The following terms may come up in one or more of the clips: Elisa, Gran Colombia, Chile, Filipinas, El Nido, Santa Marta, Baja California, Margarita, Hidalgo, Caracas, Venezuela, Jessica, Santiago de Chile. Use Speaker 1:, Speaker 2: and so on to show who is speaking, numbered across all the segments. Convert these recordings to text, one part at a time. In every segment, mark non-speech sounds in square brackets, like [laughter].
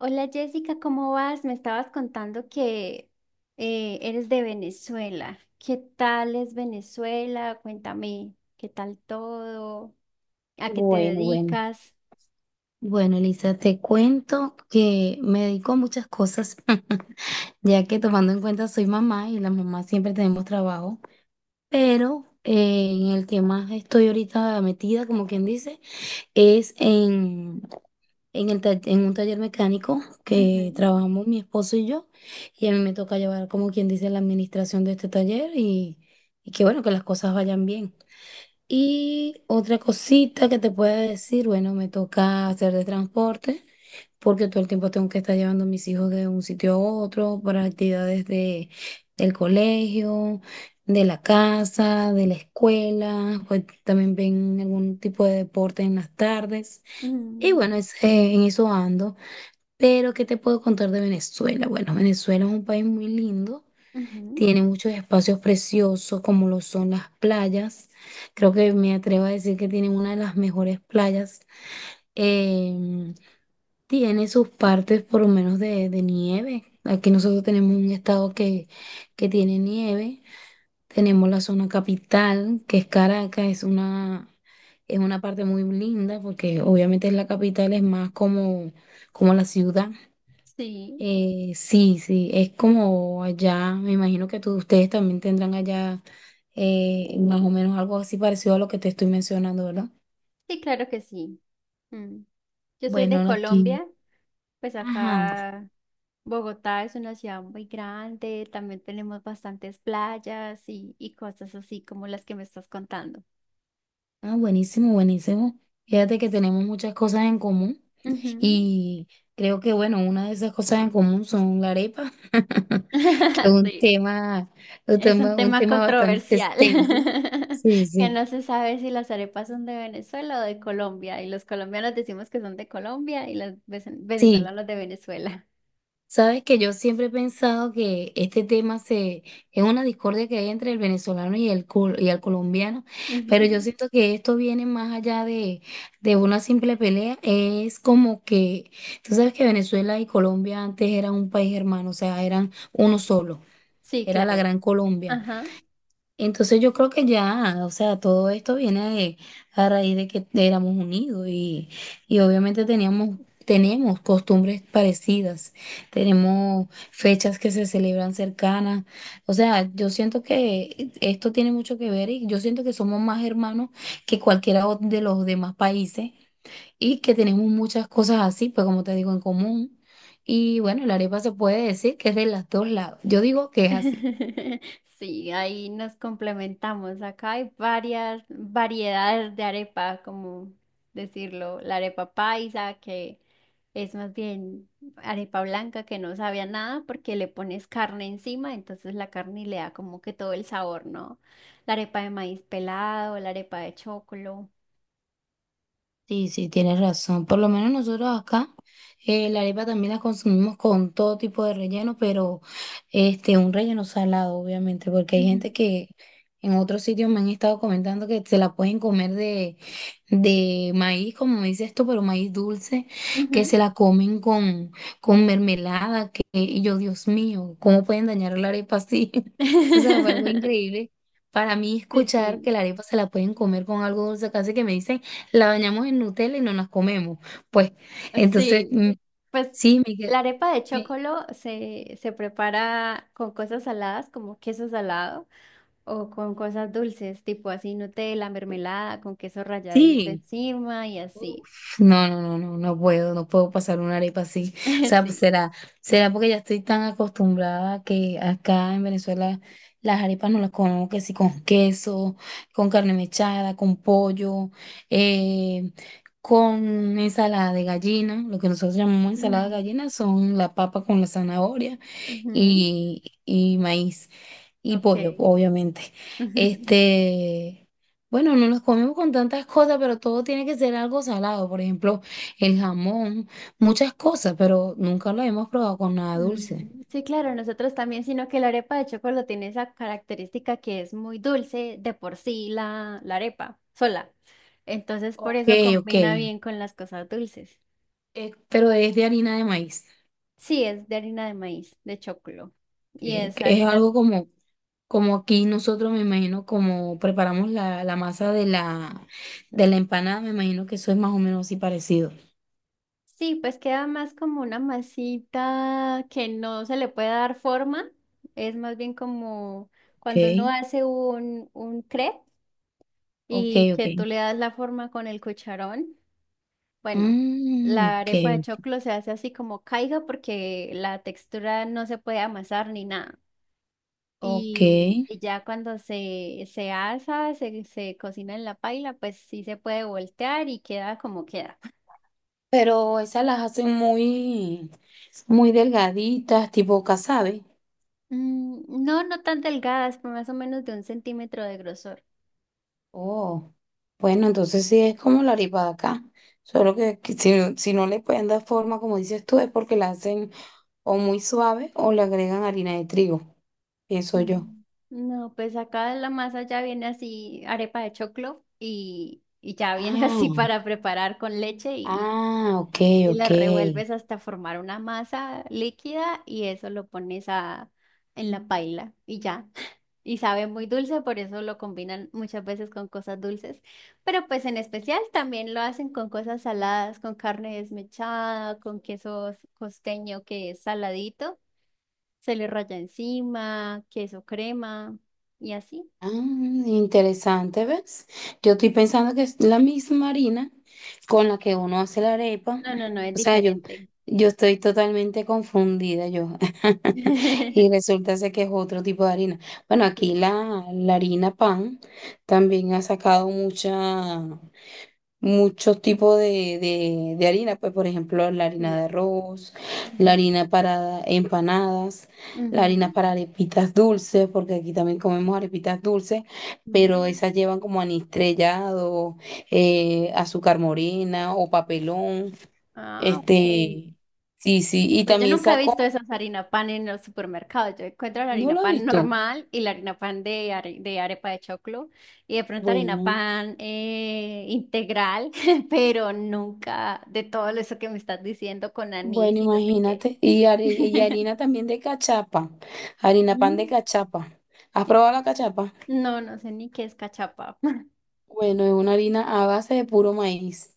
Speaker 1: Hola Jessica, ¿cómo vas? Me estabas contando que eres de Venezuela. ¿Qué tal es Venezuela? Cuéntame, ¿qué tal todo? ¿A qué te
Speaker 2: Bueno, bueno.
Speaker 1: dedicas?
Speaker 2: Bueno, Elisa, te cuento que me dedico a muchas cosas, [laughs] ya que tomando en cuenta soy mamá y las mamás siempre tenemos trabajo, pero en el que más estoy ahorita metida, como quien dice, es en, en un taller mecánico que
Speaker 1: Ujú,
Speaker 2: trabajamos mi esposo y yo, y a mí me toca llevar, como quien dice, la administración de este taller y que bueno, que las cosas vayan bien. Y otra cosita que te pueda decir, bueno, me toca hacer de transporte, porque todo el tiempo tengo que estar llevando a mis hijos de un sitio a otro para actividades del colegio, de la casa, de la escuela, pues también ven algún tipo de deporte en las tardes. Y
Speaker 1: mm,
Speaker 2: bueno, es, en eso ando. Pero, ¿qué te puedo contar de Venezuela? Bueno, Venezuela es un país muy lindo.
Speaker 1: ujú.
Speaker 2: Tiene muchos espacios preciosos como lo son las playas. Creo que me atrevo a decir que tiene una de las mejores playas. Em, Tiene sus partes por lo menos de nieve. Aquí nosotros tenemos un estado que tiene nieve. Tenemos la zona capital, que es Caracas, es una parte muy linda porque obviamente es la capital, es más como, como la ciudad.
Speaker 1: Sí,
Speaker 2: Sí, sí, es como allá, me imagino que ustedes también tendrán allá más o menos algo así parecido a lo que te estoy mencionando, ¿verdad?
Speaker 1: sí, claro que sí. Mm. Yo soy de
Speaker 2: Bueno, no, aquí,
Speaker 1: Colombia, pues
Speaker 2: ajá,
Speaker 1: acá Bogotá es una ciudad muy grande, también tenemos bastantes playas y cosas así como las que me estás contando.
Speaker 2: ah, buenísimo, buenísimo. Fíjate que tenemos muchas cosas en común
Speaker 1: Ujú.
Speaker 2: y creo que, bueno, una de esas cosas en común son la arepa, [laughs] que es
Speaker 1: [laughs] Sí, es un
Speaker 2: un
Speaker 1: tema
Speaker 2: tema bastante
Speaker 1: controversial,
Speaker 2: extenso. Sí,
Speaker 1: [laughs] que
Speaker 2: sí,
Speaker 1: no se sabe si las arepas son de Venezuela o de Colombia, y los colombianos decimos que son de Colombia y los
Speaker 2: sí.
Speaker 1: venezolanos de Venezuela.
Speaker 2: Sabes que yo siempre he pensado que es una discordia que hay entre el venezolano y el colombiano, pero yo
Speaker 1: Ujú.
Speaker 2: siento que esto viene más allá de una simple pelea. Es como que, tú sabes que Venezuela y Colombia antes eran un país hermano, o sea, eran uno solo,
Speaker 1: Sí,
Speaker 2: era la
Speaker 1: claro.
Speaker 2: Gran Colombia.
Speaker 1: Ajá.
Speaker 2: Entonces yo creo que ya, o sea, todo esto viene de- a raíz de que éramos unidos y obviamente tenemos costumbres parecidas, tenemos fechas que se celebran cercanas, o sea, yo siento que esto tiene mucho que ver y yo siento que somos más hermanos de los demás países y que tenemos muchas cosas así, pues como te digo, en común. Y bueno, la arepa se puede decir que es de los dos lados, yo digo que es así.
Speaker 1: [laughs] Sí, ahí nos complementamos. Acá hay varias variedades de arepa, como decirlo, la arepa paisa, que es más bien arepa blanca que no sabe a nada porque le pones carne encima, entonces la carne le da como que todo el sabor, ¿no? La arepa de maíz pelado, la arepa de chocolo.
Speaker 2: Sí, sí, tienes razón. Por lo menos nosotros acá, la arepa también la consumimos con todo tipo de relleno, pero este, un relleno salado, obviamente, porque hay gente
Speaker 1: Ujú,
Speaker 2: que en otros sitios me han estado comentando que se la pueden comer de maíz, como dices esto, pero maíz dulce, que se
Speaker 1: ujú.
Speaker 2: la comen con mermelada, que, y yo, Dios mío, ¿cómo pueden dañar la arepa así? [laughs] O sea, fue algo
Speaker 1: [laughs]
Speaker 2: increíble. Para mí
Speaker 1: Sí,
Speaker 2: escuchar que
Speaker 1: sí.
Speaker 2: la arepa se la pueden comer con algo dulce, casi que me dicen la bañamos en Nutella y no nos comemos. Pues, entonces,
Speaker 1: Sí, pues
Speaker 2: sí, me, que-
Speaker 1: la arepa de
Speaker 2: me-
Speaker 1: chocolo se prepara con cosas saladas como queso salado o con cosas dulces, tipo así Nutella, mermelada, con queso ralladito
Speaker 2: sí.
Speaker 1: encima y así.
Speaker 2: Uf, no, no, no, no, no puedo, no puedo pasar una arepa así. O
Speaker 1: [laughs]
Speaker 2: sea, pues
Speaker 1: Sí.
Speaker 2: será, será porque ya estoy tan acostumbrada a que acá en Venezuela las arepas no las comemos que sí con queso, con carne mechada, con pollo, eh, con ensalada de gallina. Lo que nosotros llamamos ensalada de
Speaker 1: Mm,
Speaker 2: gallina son la papa con la zanahoria
Speaker 1: ujú,
Speaker 2: y maíz. Y
Speaker 1: ok.
Speaker 2: pollo, obviamente.
Speaker 1: [laughs]
Speaker 2: Este, bueno, no los comemos con tantas cosas, pero todo tiene que ser algo salado. Por ejemplo, el jamón, muchas cosas, pero nunca lo hemos probado con nada dulce.
Speaker 1: Mm, sí, claro, nosotros también, sino que la arepa de chocolo tiene esa característica que es muy dulce de por sí la arepa sola. Entonces, por
Speaker 2: Ok,
Speaker 1: eso
Speaker 2: ok.
Speaker 1: combina bien con las cosas dulces.
Speaker 2: Pero es de harina de maíz.
Speaker 1: Sí, es de harina de maíz, de choclo. Y es
Speaker 2: Que es
Speaker 1: harina.
Speaker 2: algo como, como aquí nosotros, me imagino, como preparamos la masa de la empanada, me imagino que eso es más o menos así parecido.
Speaker 1: Sí, pues queda más como una masita que no se le puede dar forma. Es más bien como cuando uno
Speaker 2: Ok,
Speaker 1: hace un crepe
Speaker 2: ok,
Speaker 1: y
Speaker 2: ok.
Speaker 1: que tú le das la forma con el cucharón. Bueno,
Speaker 2: Mm,
Speaker 1: la
Speaker 2: ok,
Speaker 1: arepa de choclo se hace así como caiga porque la textura no se puede amasar ni nada.
Speaker 2: ok.
Speaker 1: Y ya cuando se asa, se cocina en la paila, pues sí se puede voltear y queda como queda. [laughs]
Speaker 2: Pero esas las hacen muy, muy delgaditas, tipo casabe.
Speaker 1: Mm, no, no tan delgadas, pero más o menos de un centímetro de grosor.
Speaker 2: Oh, bueno, entonces sí es como la arepa de acá. Solo que si no le pueden dar forma, como dices tú, es porque la hacen o muy suave o le agregan harina de trigo. Pienso yo.
Speaker 1: Mm, no, pues acá la masa ya viene así, arepa de choclo, y ya viene [laughs] así
Speaker 2: Ah,
Speaker 1: para preparar con leche
Speaker 2: ok,
Speaker 1: y la
Speaker 2: ok.
Speaker 1: revuelves hasta formar una masa líquida y eso lo pones a, en la paila y ya. Y sabe muy dulce, por eso lo combinan muchas veces con cosas dulces. Pero pues en especial también lo hacen con cosas saladas, con carne desmechada, con queso costeño que es saladito, se le raya encima, queso crema y así.
Speaker 2: Ah, interesante, ¿ves? Yo estoy pensando que es la misma harina con la que uno hace la arepa.
Speaker 1: No, no, no, es
Speaker 2: O sea,
Speaker 1: diferente.
Speaker 2: yo estoy totalmente confundida yo. [laughs] Y
Speaker 1: [laughs]
Speaker 2: resulta ser que es otro tipo de harina. Bueno,
Speaker 1: Sí,
Speaker 2: la harina pan también ha sacado mucha muchos tipos de harina, pues por ejemplo la harina
Speaker 1: sí.
Speaker 2: de arroz,
Speaker 1: Ujú,
Speaker 2: la harina para empanadas, la
Speaker 1: ujú.
Speaker 2: harina para arepitas dulces, porque aquí también comemos arepitas dulces, pero
Speaker 1: Mm.
Speaker 2: esas llevan como anís estrellado, azúcar morena o papelón,
Speaker 1: Ah, ok.
Speaker 2: este, sí, sí, y
Speaker 1: Pues yo
Speaker 2: también
Speaker 1: nunca he visto
Speaker 2: saco,
Speaker 1: esas harina pan en los supermercados. Yo encuentro la
Speaker 2: ¿no
Speaker 1: harina
Speaker 2: lo has
Speaker 1: pan
Speaker 2: visto?
Speaker 1: normal y la harina pan de, de arepa de choclo y de pronto harina
Speaker 2: Bueno.
Speaker 1: pan integral, [laughs] pero nunca de todo eso que me estás diciendo con
Speaker 2: Bueno,
Speaker 1: anís y no sé qué.
Speaker 2: imagínate, y
Speaker 1: [laughs]
Speaker 2: harina también de cachapa, harina pan de
Speaker 1: Mm.
Speaker 2: cachapa. ¿Has probado la cachapa?
Speaker 1: No, no sé ni qué es cachapa. [laughs]
Speaker 2: Bueno, es una harina a base de puro maíz,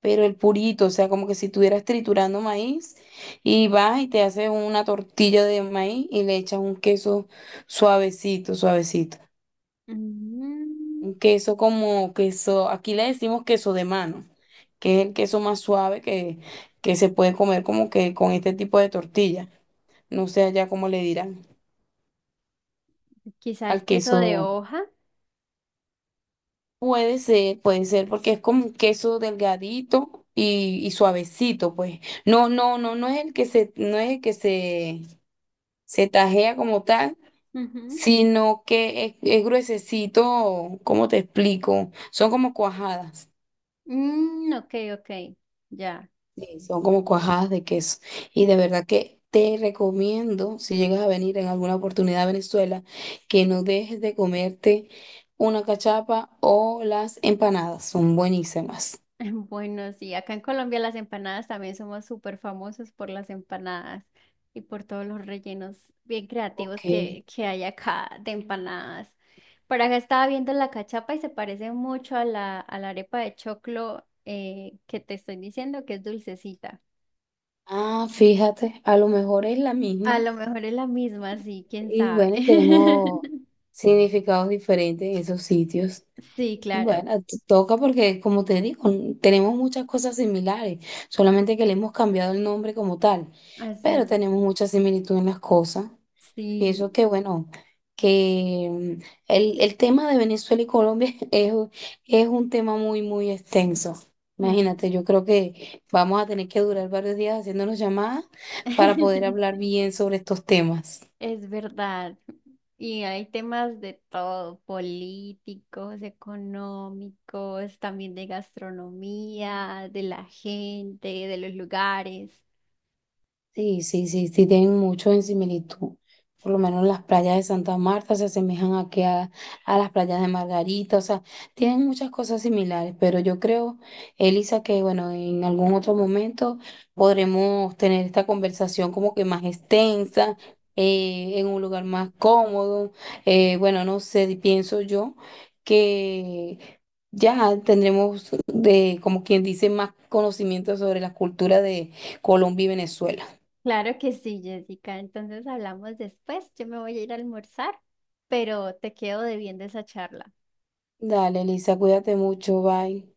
Speaker 2: pero el purito, o sea, como que si estuvieras triturando maíz y vas y te haces una tortilla de maíz y le echas un queso suavecito, suavecito.
Speaker 1: Mm,
Speaker 2: Un queso como queso, aquí le decimos queso de mano, que es el queso más suave que se puede comer como que con este tipo de tortilla. No sé allá cómo le dirán
Speaker 1: quizá el
Speaker 2: al
Speaker 1: queso de
Speaker 2: queso.
Speaker 1: hoja.
Speaker 2: Puede ser, porque es como un queso delgadito y suavecito, pues. No, no, no, no es el que se, no es el que se tajea como tal,
Speaker 1: Ujú.
Speaker 2: sino que es gruesecito, ¿cómo te explico? Son como cuajadas,
Speaker 1: Mm, ok, ok, ya.
Speaker 2: sí, son como cuajadas de queso. Y de verdad que te recomiendo, si llegas a venir en alguna oportunidad a Venezuela, que no dejes de comerte una cachapa o las empanadas, son buenísimas.
Speaker 1: [laughs] Bueno, sí, acá en Colombia las empanadas también somos súper famosos por las empanadas y por todos los rellenos bien
Speaker 2: Ok.
Speaker 1: creativos que hay acá de empanadas. Por acá estaba viendo la cachapa y se parece mucho a la arepa de choclo que te estoy diciendo que es dulcecita.
Speaker 2: Ah, fíjate, a lo mejor es la
Speaker 1: A
Speaker 2: misma.
Speaker 1: lo mejor es la misma, sí, quién
Speaker 2: Y
Speaker 1: sabe.
Speaker 2: bueno, y tenemos
Speaker 1: [laughs]
Speaker 2: significados diferentes en esos sitios.
Speaker 1: Sí, claro,
Speaker 2: Bueno, toca porque, como te digo, tenemos muchas cosas similares, solamente que le hemos cambiado el nombre como tal, pero
Speaker 1: así,
Speaker 2: tenemos mucha similitud en las cosas.
Speaker 1: sí.
Speaker 2: Pienso que, bueno, que mm, el tema de Venezuela y Colombia [laughs] es un tema muy, muy extenso.
Speaker 1: Mm.
Speaker 2: Imagínate, yo creo que vamos a tener que durar varios días haciéndonos llamadas para poder hablar
Speaker 1: [laughs]
Speaker 2: bien sobre estos temas.
Speaker 1: Es verdad. Y hay temas de todo, políticos, económicos, también de gastronomía, de la gente, de los lugares.
Speaker 2: Sí, sí, sí, sí, tienen mucho en similitud. Por lo menos las playas de Santa Marta se asemejan a las playas de Margarita, o sea, tienen muchas cosas similares, pero yo creo, Elisa, que bueno, en algún otro momento podremos tener esta conversación como que más extensa, en un lugar más cómodo. Eh, bueno, no sé, pienso yo que ya tendremos como quien dice, más conocimiento sobre la cultura de Colombia y Venezuela.
Speaker 1: Claro que sí, Jessica. Entonces hablamos después. Yo me voy a ir a almorzar, pero te quedo debiendo esa charla.
Speaker 2: Dale, Lisa, cuídate mucho, bye.